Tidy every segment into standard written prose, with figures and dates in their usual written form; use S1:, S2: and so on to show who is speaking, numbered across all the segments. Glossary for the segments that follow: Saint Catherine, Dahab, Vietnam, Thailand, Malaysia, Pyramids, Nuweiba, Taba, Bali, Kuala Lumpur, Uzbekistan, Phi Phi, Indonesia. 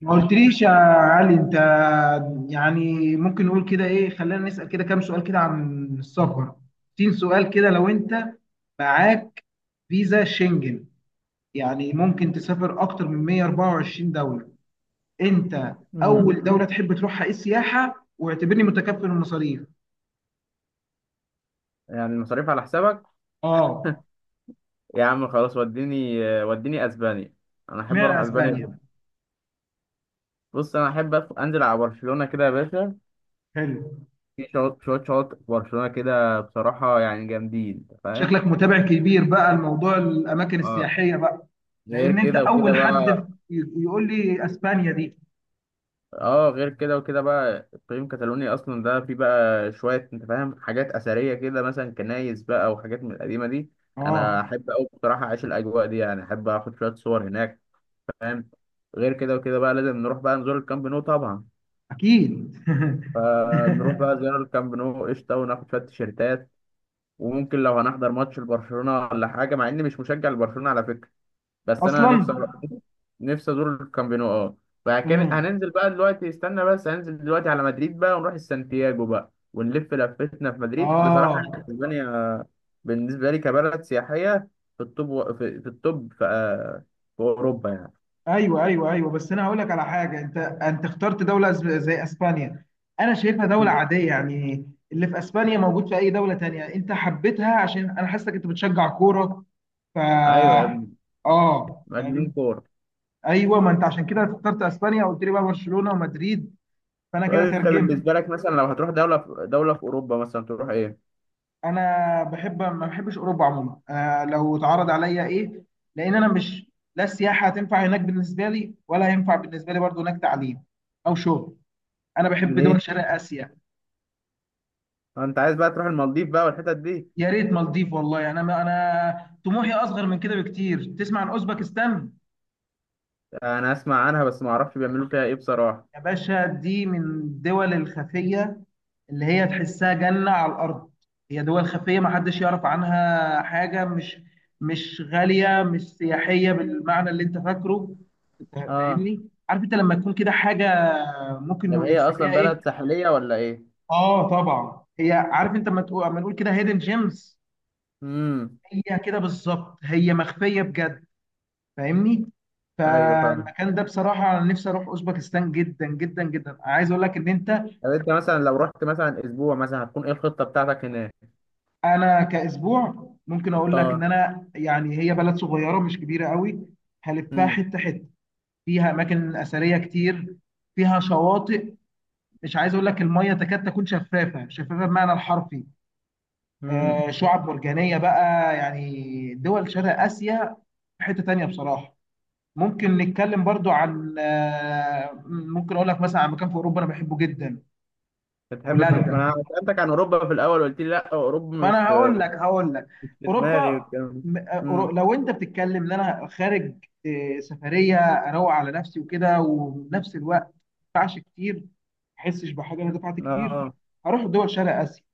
S1: ما قلتليش يا علي انت. يعني ممكن نقول كده، ايه، خلينا نسأل كده كام سؤال كده عن السفر. 60 سؤال كده، لو انت معاك فيزا شنجن يعني ممكن تسافر اكتر من 124 دولة. انت
S2: مم.
S1: اول دولة تحب تروحها ايه السياحة، واعتبرني متكفل المصاريف.
S2: يعني المصاريف على حسابك؟
S1: اه.
S2: يا عم خلاص وديني اسبانيا. انا احب اروح
S1: اشمعنى
S2: اسبانيا
S1: اسبانيا؟
S2: جدا. بص انا احب انزل على برشلونه كده يا باشا.
S1: حلو.
S2: شويه شواطئ في برشلونه كده بصراحه، يعني جامدين، انت فاهم.
S1: شكلك متابع كبير بقى لموضوع الاماكن
S2: اه،
S1: السياحية بقى.
S2: غير
S1: لان انت
S2: كده وكده
S1: اول
S2: بقى.
S1: حد يقول لي اسبانيا دي.
S2: اه، غير كده وكده بقى اقليم كاتالونيا اصلا ده فيه بقى شويه، انت فاهم، حاجات اثريه كده، مثلا كنايس بقى وحاجات من القديمه دي. انا
S1: اه،
S2: احب اوي بصراحه اعيش الاجواء دي، يعني احب اخد شويه صور هناك. فاهم. غير كده وكده بقى لازم نروح بقى نزور الكامب نو طبعا.
S1: اكيد.
S2: فنروح بقى زيارة الكامب نو قشطة، وناخد شوية تيشيرتات. وممكن لو هنحضر ماتش لبرشلونة ولا حاجة، مع إني مش مشجع لبرشلونة على فكرة. بس أنا
S1: اصلا.
S2: نفسي أزور الكامب نو. فكان
S1: امم.
S2: هننزل بقى دلوقتي، استنى بس، هننزل دلوقتي على مدريد بقى، ونروح السانتياجو بقى، ونلف لفتنا في مدريد بصراحة.
S1: اه.
S2: اسبانيا بالنسبة لي كبلد سياحية في التوب في في أوروبا،
S1: ايوه ايوه ايوه، بس انا هقول لك على حاجه. انت اخترت دوله زي اسبانيا. انا شايفها دوله
S2: يعني.
S1: عاديه يعني. اللي في اسبانيا موجود في اي دوله تانية. انت حبيتها عشان انا حاسسك انت بتشجع كوره. ف
S2: أيوة يا ابني،
S1: اه
S2: مجنون
S1: يعني.
S2: كورة.
S1: ايوه، ما انت عشان كده اخترت اسبانيا وقلت لي بقى برشلونه ومدريد، فانا كده
S2: سؤال، انت
S1: ترجمت.
S2: بالنسبه لك مثلا لو هتروح دوله في اوروبا مثلا، تروح ايه؟
S1: انا بحب، ما بحبش اوروبا عموما. لو اتعرض عليا ايه، لان انا مش، لا السياحه هتنفع هناك بالنسبه لي، ولا هينفع بالنسبه لي برضو هناك تعليم او شغل. انا بحب
S2: ليه؟
S1: دول شرق اسيا.
S2: انت عايز بقى تروح المالديف بقى والحتت دي؟
S1: يا ريت مالديف، والله انا، ما انا طموحي اصغر من كده بكتير. تسمع عن اوزبكستان؟
S2: انا اسمع عنها بس ما اعرفش بيعملوا فيها ايه بصراحه.
S1: يا باشا دي من الدول الخفيه، اللي هي تحسها جنة على الأرض. هي دول خفية محدش يعرف عنها حاجة، مش غالية، مش سياحية بالمعنى اللي أنت فاكره. أنت
S2: اه.
S1: فاهمني؟ عارف أنت لما تكون كده حاجة، ممكن
S2: طب هي اصلا
S1: نسميها
S2: بلد
S1: إيه؟
S2: ساحليه ولا ايه؟
S1: آه طبعا. هي، عارف أنت، لما نقول كده، هيدن جيمز،
S2: امم.
S1: هي كده بالظبط، هي مخفية بجد. فاهمني؟
S2: ايوه، فاهم.
S1: فالمكان ده بصراحة، أنا نفسي أروح أوزبكستان جدا جدا جدا. عايز أقول لك إن أنت،
S2: طب انت مثلا لو رحت مثلا اسبوع مثلا، هتكون ايه الخطه بتاعتك هناك؟
S1: انا كاسبوع ممكن اقول لك ان
S2: اه.
S1: انا، يعني هي بلد صغيره مش كبيره قوي. هلفها
S2: امم.
S1: حته حته. فيها اماكن اثريه كتير، فيها شواطئ. مش عايز اقول لك، الميه تكاد تكون شفافه شفافه بمعنى الحرفي.
S2: امم.
S1: آه، شعاب مرجانيه بقى، يعني دول شرق اسيا. في حته تانيه بصراحه، ممكن نتكلم برضو عن، ممكن اقول لك مثلا عن مكان في اوروبا انا بحبه جدا.
S2: بتحب تروح؟
S1: هولندا.
S2: ما انا سالتك عن اوروبا في الاول وقلت لي لا، اوروبا
S1: ما
S2: مش
S1: انا هقول
S2: في،
S1: لك هقول لك
S2: مش في دماغي
S1: اوروبا.
S2: والكلام ده. امم.
S1: لو انت بتتكلم ان انا خارج، سفريه اروق على نفسي وكده، وفي نفس الوقت ما ادفعش كتير، ما احسش بحاجه انا دفعت كتير،
S2: اه.
S1: هروح دول شرق اسيا،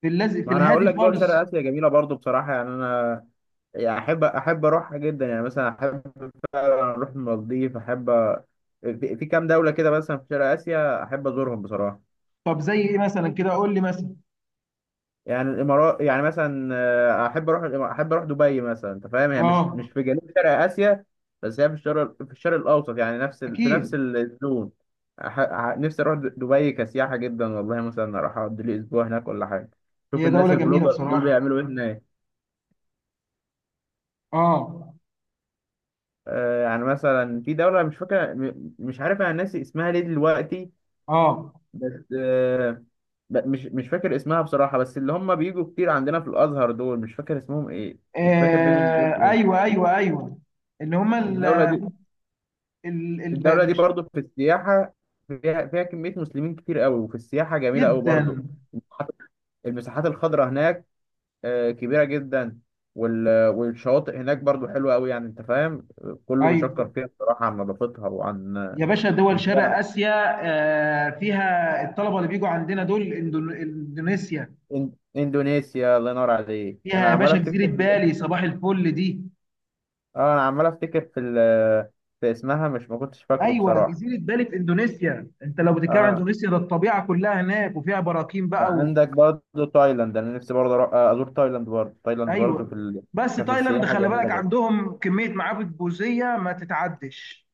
S1: في
S2: ما انا هقول
S1: الهادي
S2: لك دول شرق
S1: خالص.
S2: اسيا جميله برضو بصراحه، يعني انا، يعني احب اروحها جدا، يعني مثلا احب اروح المالديف، احب في كام دوله كده مثلا في شرق اسيا احب ازورهم بصراحه.
S1: طب زي ايه مثلا، كده قول لي مثلا.
S2: يعني الامارات يعني مثلا، احب اروح احب اروح دبي مثلا، انت فاهم، هي مش
S1: اه،
S2: مش في جنوب شرق اسيا، بس هي في الشرق الاوسط، يعني نفس في نفس
S1: اكيد.
S2: الزون. أح... نفسي اروح دبي كسياحه جدا والله، مثلا اروح اقضي لي اسبوع هناك ولا حاجه، شوف
S1: هي
S2: الناس
S1: دوله جميله
S2: البلوجر دول
S1: بصراحه.
S2: بيعملوا ايه هناك.
S1: اه.
S2: يعني مثلا في دولة، مش فاكرة م- مش عارف، انا ناسي اسمها ليه دلوقتي.
S1: اه.
S2: بس مش فاكر اسمها بصراحة. بس اللي هم بيجوا كتير عندنا في الأزهر دول، مش فاكر اسمهم إيه، مش فاكر بيجوا من دول
S1: آه،
S2: إيه.
S1: ايوه ايوه ايوه. اللي هم ال...
S2: الدولة دي
S1: ال... ال...
S2: الدولة دي
S1: مش
S2: برضو في السياحة، فيها كمية مسلمين كتير قوي، وفي السياحة جميلة قوي
S1: جدا.
S2: برضو. المساحات المساحات الخضراء هناك كبيرة جدا، والشواطئ هناك برضو حلوة قوي، يعني أنت فاهم، كله
S1: ايوه
S2: بيشكر فيها بصراحة عن نظافتها وعن
S1: يا باشا، دول
S2: إن
S1: شرق
S2: هي
S1: آسيا. فيها الطلبة اللي بيجوا عندنا دول إندونيسيا.
S2: إن- إندونيسيا. الله ينور عليك،
S1: فيها
S2: أنا
S1: يا
S2: عمال
S1: باشا جزيرة
S2: أفتكر.
S1: بالي، صباح الفل دي.
S2: اه، انا عمال افتكر في اسمها، مش، ما كنتش فاكره
S1: أيوة،
S2: بصراحه.
S1: جزيرة بالي في إندونيسيا. أنت لو بتتكلم عن
S2: اه،
S1: إندونيسيا، ده الطبيعة كلها هناك، وفيها براكين بقى و...
S2: وعندك برضه تايلاند، انا نفسي برضه ازور تايلاند برضه
S1: أيوة. بس
S2: كان في
S1: تايلاند،
S2: السياحه
S1: خلي
S2: جميله
S1: بالك
S2: برضه.
S1: عندهم كمية معابد بوذية ما تتعدش.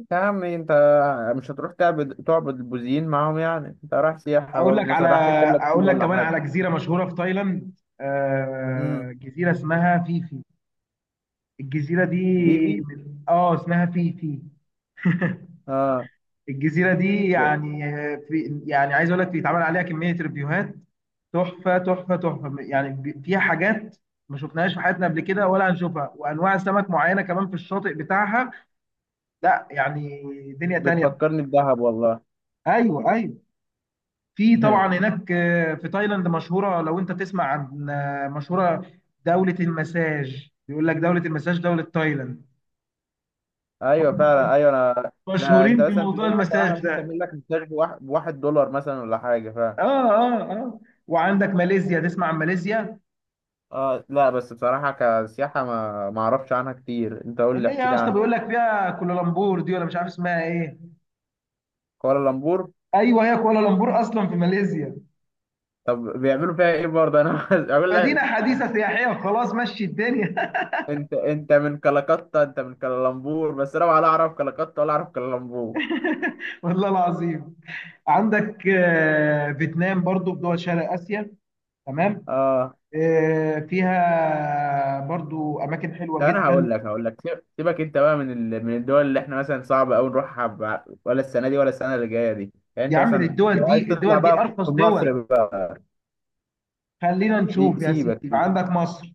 S2: انت يا عم انت، مش هتروح تعبد البوذيين معاهم، يعني انت رايح سياحه
S1: أقول لك
S2: برضه، مثلا
S1: على
S2: راح تركب لك
S1: أقول
S2: فيل
S1: لك
S2: ولا
S1: كمان
S2: حاجه.
S1: على جزيرة مشهورة في تايلاند.
S2: امم.
S1: آه، جزيرة اسمها فيفي. الجزيرة دي،
S2: فيفي.
S1: من... آه اسمها فيفي.
S2: اه.
S1: الجزيرة دي
S2: ب...
S1: يعني، في يعني، عايز اقول لك بيتعمل عليها كمية ريفيوهات، تحفة تحفة تحفة. يعني فيها حاجات ما شفناهاش في حياتنا قبل كده، ولا هنشوفها، وانواع سمك معينة كمان في الشاطئ بتاعها. لا، يعني دنيا تانية.
S2: بتفكرني بدهب والله.
S1: ايوه ايوه. في طبعا هناك، في تايلاند مشهورة، لو انت تسمع عن، مشهورة دولة المساج، بيقول لك دولة المساج دولة تايلاند.
S2: ايوه فعلا،
S1: هم
S2: ايوه انا ده، انت
S1: مشهورين
S2: مثلا
S1: بموضوع
S2: تلاقي مثلا واحده
S1: المساج
S2: ممكن
S1: ده.
S2: تعمل لك مساج بواحد دولار مثلا ولا حاجه.
S1: اه. اه اه. وعندك ماليزيا، تسمع عن ماليزيا،
S2: اه لا، بس بصراحة كسياحة ما اعرفش عنها كتير، انت قول لي
S1: اللي هي
S2: احكي
S1: يا
S2: لي
S1: اسطى بيقول
S2: عنها.
S1: لك فيها كوالالمبور دي ولا مش عارف اسمها ايه.
S2: كوالالمبور.
S1: ايوه، هي كوالالمبور اصلا في ماليزيا.
S2: طب بيعملوا فيها ايه برضه؟ انا عايز اقول
S1: مدينه
S2: لك انت
S1: حديثه سياحيه، وخلاص مشي الدنيا.
S2: انت أنت من كلكتة، انت من كلالمبور، بس انا ولا اعرف كلكتة ولا اعرف كلالمبور.
S1: والله العظيم. عندك فيتنام برضو في دول شرق اسيا، تمام.
S2: اه.
S1: فيها برضو اماكن حلوه
S2: طب انا
S1: جدا.
S2: هقول لك سيبك انت بقى من من الدول اللي احنا مثلا صعب قوي نروحها، ولا السنة دي ولا السنة اللي جاية دي، يعني
S1: يا
S2: انت
S1: عم
S2: مثلا
S1: الدول
S2: لو عايز
S1: دي،
S2: تطلع بقى في
S1: ارخص
S2: في
S1: دول.
S2: مصر بقى.
S1: خلينا نشوف يا
S2: سيبك.
S1: سيدي. عندك مصر.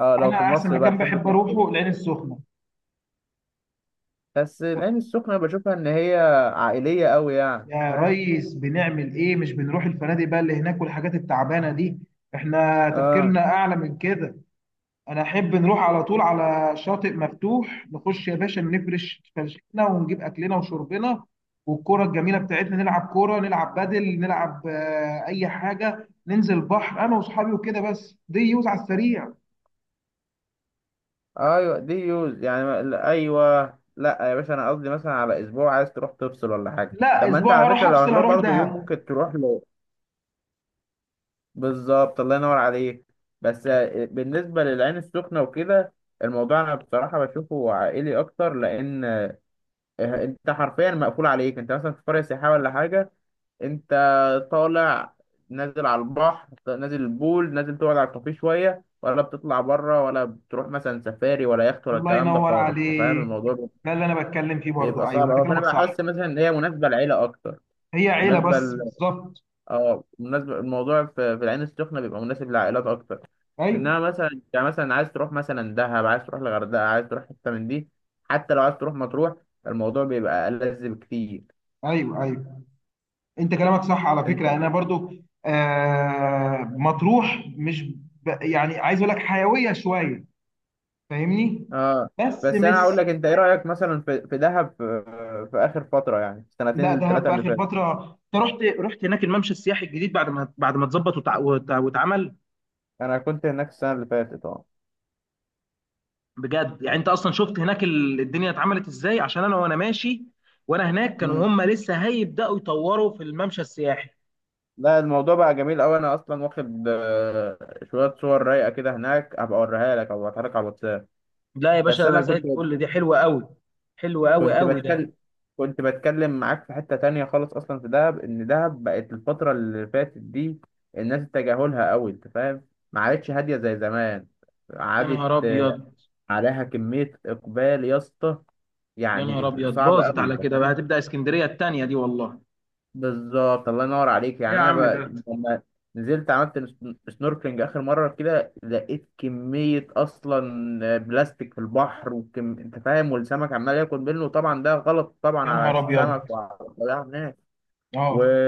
S2: اه، لو
S1: انا
S2: في
S1: احسن
S2: مصر بقى
S1: مكان
S2: تحب
S1: بحب
S2: تروح
S1: اروحه
S2: فين؟
S1: العين السخنه.
S2: بس العين السخنة بشوفها إن هي عائلية أوي، يعني
S1: يا
S2: فاهم؟
S1: ريس بنعمل ايه؟ مش بنروح الفنادق بقى اللي هناك والحاجات التعبانه دي. احنا
S2: آه.
S1: تفكيرنا اعلى من كده. انا احب نروح على طول على شاطئ مفتوح، نخش يا باشا، نفرش فرشتنا، ونجيب اكلنا وشربنا والكرة الجميله بتاعتنا، نلعب كوره، نلعب بدل، نلعب اي حاجه، ننزل بحر انا واصحابي وكده، بس دي يوز على السريع.
S2: أيوة دي يوز، يعني لا، أيوة. لأ يا باشا، أنا قصدي مثلا على أسبوع عايز تروح تفصل ولا حاجة.
S1: لا،
S2: طب ما أنت
S1: اسبوع
S2: على
S1: هروح
S2: فكرة لو
S1: افصل،
S2: هتروح
S1: اروح
S2: برضو يوم
S1: دهب.
S2: ممكن تروح له. بالظبط، الله ينور عليك. بس بالنسبة للعين السخنة وكده، الموضوع أنا بصراحة بشوفه عائلي أكتر، لأن أنت حرفيا مقفول عليك، أنت مثلا في قرية سياحية ولا حاجة. انت طالع، نازل على البحر، نازل البول، نازل تقعد على الكافيه شويه، ولا بتطلع بره، ولا بتروح مثلا سفاري ولا يخت ولا
S1: الله
S2: الكلام ده
S1: ينور
S2: خالص، انت فاهم
S1: عليك.
S2: الموضوع
S1: ده اللي انا بتكلم فيه برضو،
S2: بيبقى
S1: ايوه
S2: صعب
S1: انت
S2: قوي. فانا
S1: كلامك صح.
S2: بحس مثلا ان هي مناسبه للعيله اكتر،
S1: هي عيله
S2: مناسبه
S1: بس
S2: ل...
S1: بالظبط.
S2: اه، مناسبه. الموضوع في العين السخنه بيبقى مناسب للعائلات اكتر. انما
S1: ايوه
S2: مثلا انت مثلا عايز تروح مثلا دهب، عايز تروح الغردقه، عايز تروح حته من دي، حتى لو عايز تروح مطروح، الموضوع بيبقى ألذ بكتير.
S1: ايوه ايوه، انت كلامك صح على فكره. انا برضو آه، مطروح مش، يعني عايز اقول لك حيويه شويه. فاهمني؟
S2: اه.
S1: بس
S2: بس انا
S1: مش،
S2: هقول لك، انت ايه رايك مثلا في دهب في اخر فتره، يعني
S1: لا،
S2: السنتين
S1: دهب
S2: الثلاثه
S1: في
S2: اللي
S1: اخر
S2: فاتت؟
S1: فتره. انت رحت هناك الممشى السياحي الجديد، بعد ما اتظبط، واتعمل.
S2: انا كنت هناك السنه اللي فاتت، اه.
S1: بجد يعني، انت اصلا شفت هناك الدنيا اتعملت ازاي. عشان انا، وانا ماشي وانا هناك، كانوا
S2: امم.
S1: هم لسه هيبداوا يطوروا في الممشى السياحي.
S2: لا، الموضوع بقى جميل قوي، انا اصلا واخد شويه صور رايقه كده هناك، هبقى اوريها لك او هبعتها لك على الواتساب.
S1: لا يا
S2: بس
S1: باشا، انا
S2: انا
S1: زي الفل، دي حلوه قوي، حلوه قوي
S2: كنت
S1: قوي ده.
S2: بتكلم كنت بتكلم معاك في حته تانية خالص، اصلا في دهب، ان دهب بقت الفتره اللي فاتت دي الناس تجاهلها قوي، انت فاهم، ما عادتش هاديه زي زمان،
S1: يا
S2: عادت
S1: نهار ابيض.
S2: عليها كميه اقبال يا اسطى،
S1: يا نهار
S2: يعني
S1: ابيض،
S2: صعب
S1: باظت
S2: قوي،
S1: على
S2: انت
S1: كده بقى،
S2: فاهم.
S1: هتبدا اسكندريه التانيه دي والله.
S2: بالظبط، الله ينور عليك،
S1: ايه
S2: يعني
S1: يا
S2: انا
S1: عم
S2: بقى
S1: ده.
S2: لما نزلت عملت سنوركلينج اخر مره كده، لقيت كميه اصلا بلاستيك في البحر انت فاهم، والسمك عمال ياكل منه، وطبعا ده غلط طبعا
S1: يا
S2: على
S1: نهار ابيض.
S2: السمك وعلى الطبيعه هناك. و
S1: اه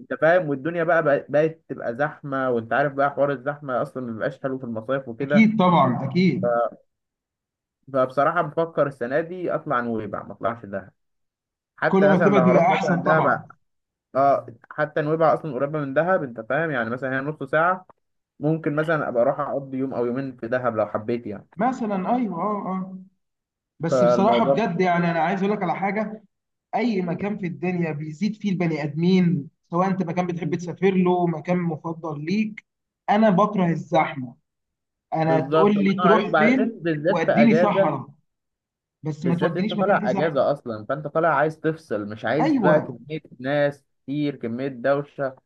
S2: انت فاهم، والدنيا بقت تبقى زحمه، وانت عارف بقى حوار الزحمه اصلا ما بيبقاش حلو في المصايف وكده.
S1: اكيد، طبعا اكيد.
S2: فبصراحه بفكر السنه دي اطلع نويبع ما اطلعش دهب.
S1: كل
S2: حتى
S1: ما
S2: مثلا لو
S1: بتبعد بيبقى
S2: هروح مثلا
S1: احسن
S2: دهب،
S1: طبعا.
S2: اه، حتى نويبع اصلا قريبه من دهب، انت فاهم، يعني مثلا هي نص ساعه، ممكن مثلا ابقى اروح اقضي يوم او يومين في دهب لو حبيت، يعني
S1: مثلا ايوه. اه اه. بس بصراحه
S2: فالموضوع.
S1: بجد، يعني انا عايز اقول لك على حاجه. اي مكان في الدنيا بيزيد فيه البني ادمين، سواء انت مكان بتحب
S2: مم.
S1: تسافر له، مكان مفضل ليك، انا بكره الزحمه. انا تقول
S2: بالظبط، الله
S1: لي
S2: ينور عليك،
S1: تروح
S2: وبعدين
S1: فين؟
S2: بالذات في
S1: واديني
S2: اجازه،
S1: صحراء، بس ما
S2: بالذات انت
S1: تودينيش مكان فيه
S2: طالع
S1: زحمه.
S2: اجازه اصلا، فانت طالع عايز تفصل، مش عايز بقى
S1: ايوه،
S2: كميه ناس كتير، كميه دوشه،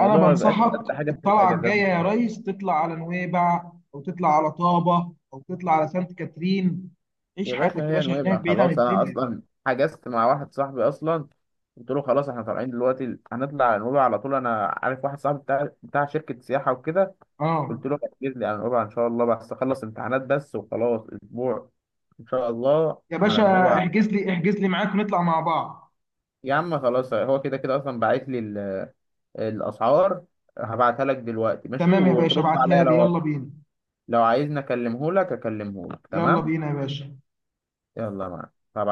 S1: انا
S2: ما بيبقاش
S1: بنصحك،
S2: ألذ حاجه في
S1: الطلعه
S2: الاجازات.
S1: الجايه يا ريس، تطلع على نويبع، او تطلع على طابه، او تطلع على سانت كاترين. عيش
S2: يا باشا
S1: حياتك يا
S2: هي
S1: باشا هناك
S2: نويبع
S1: بعيد عن
S2: خلاص، انا
S1: الدنيا.
S2: اصلا حجزت مع واحد صاحبي اصلا، قلت له خلاص احنا طالعين دلوقتي، هنطلع على نويبع على طول. انا عارف واحد صاحبي بتاع شركة سياحة وكده،
S1: اه.
S2: قلت له هتجيب لي على نويبع ان شاء الله، بس اخلص امتحانات بس وخلاص، اسبوع ان شاء الله
S1: يا
S2: على
S1: باشا،
S2: نويبع.
S1: احجز لي معاك ونطلع مع بعض.
S2: يا عم خلاص، هو كده كده اصلا باعت لي الاسعار، هبعتها لك دلوقتي ماشي،
S1: تمام يا باشا،
S2: وترد عليا
S1: ابعتها لي. يلا
S2: لو،
S1: بينا.
S2: لو عايزني اكلمه لك
S1: يلا
S2: تمام.
S1: بينا يا باشا.
S2: يلا، معاك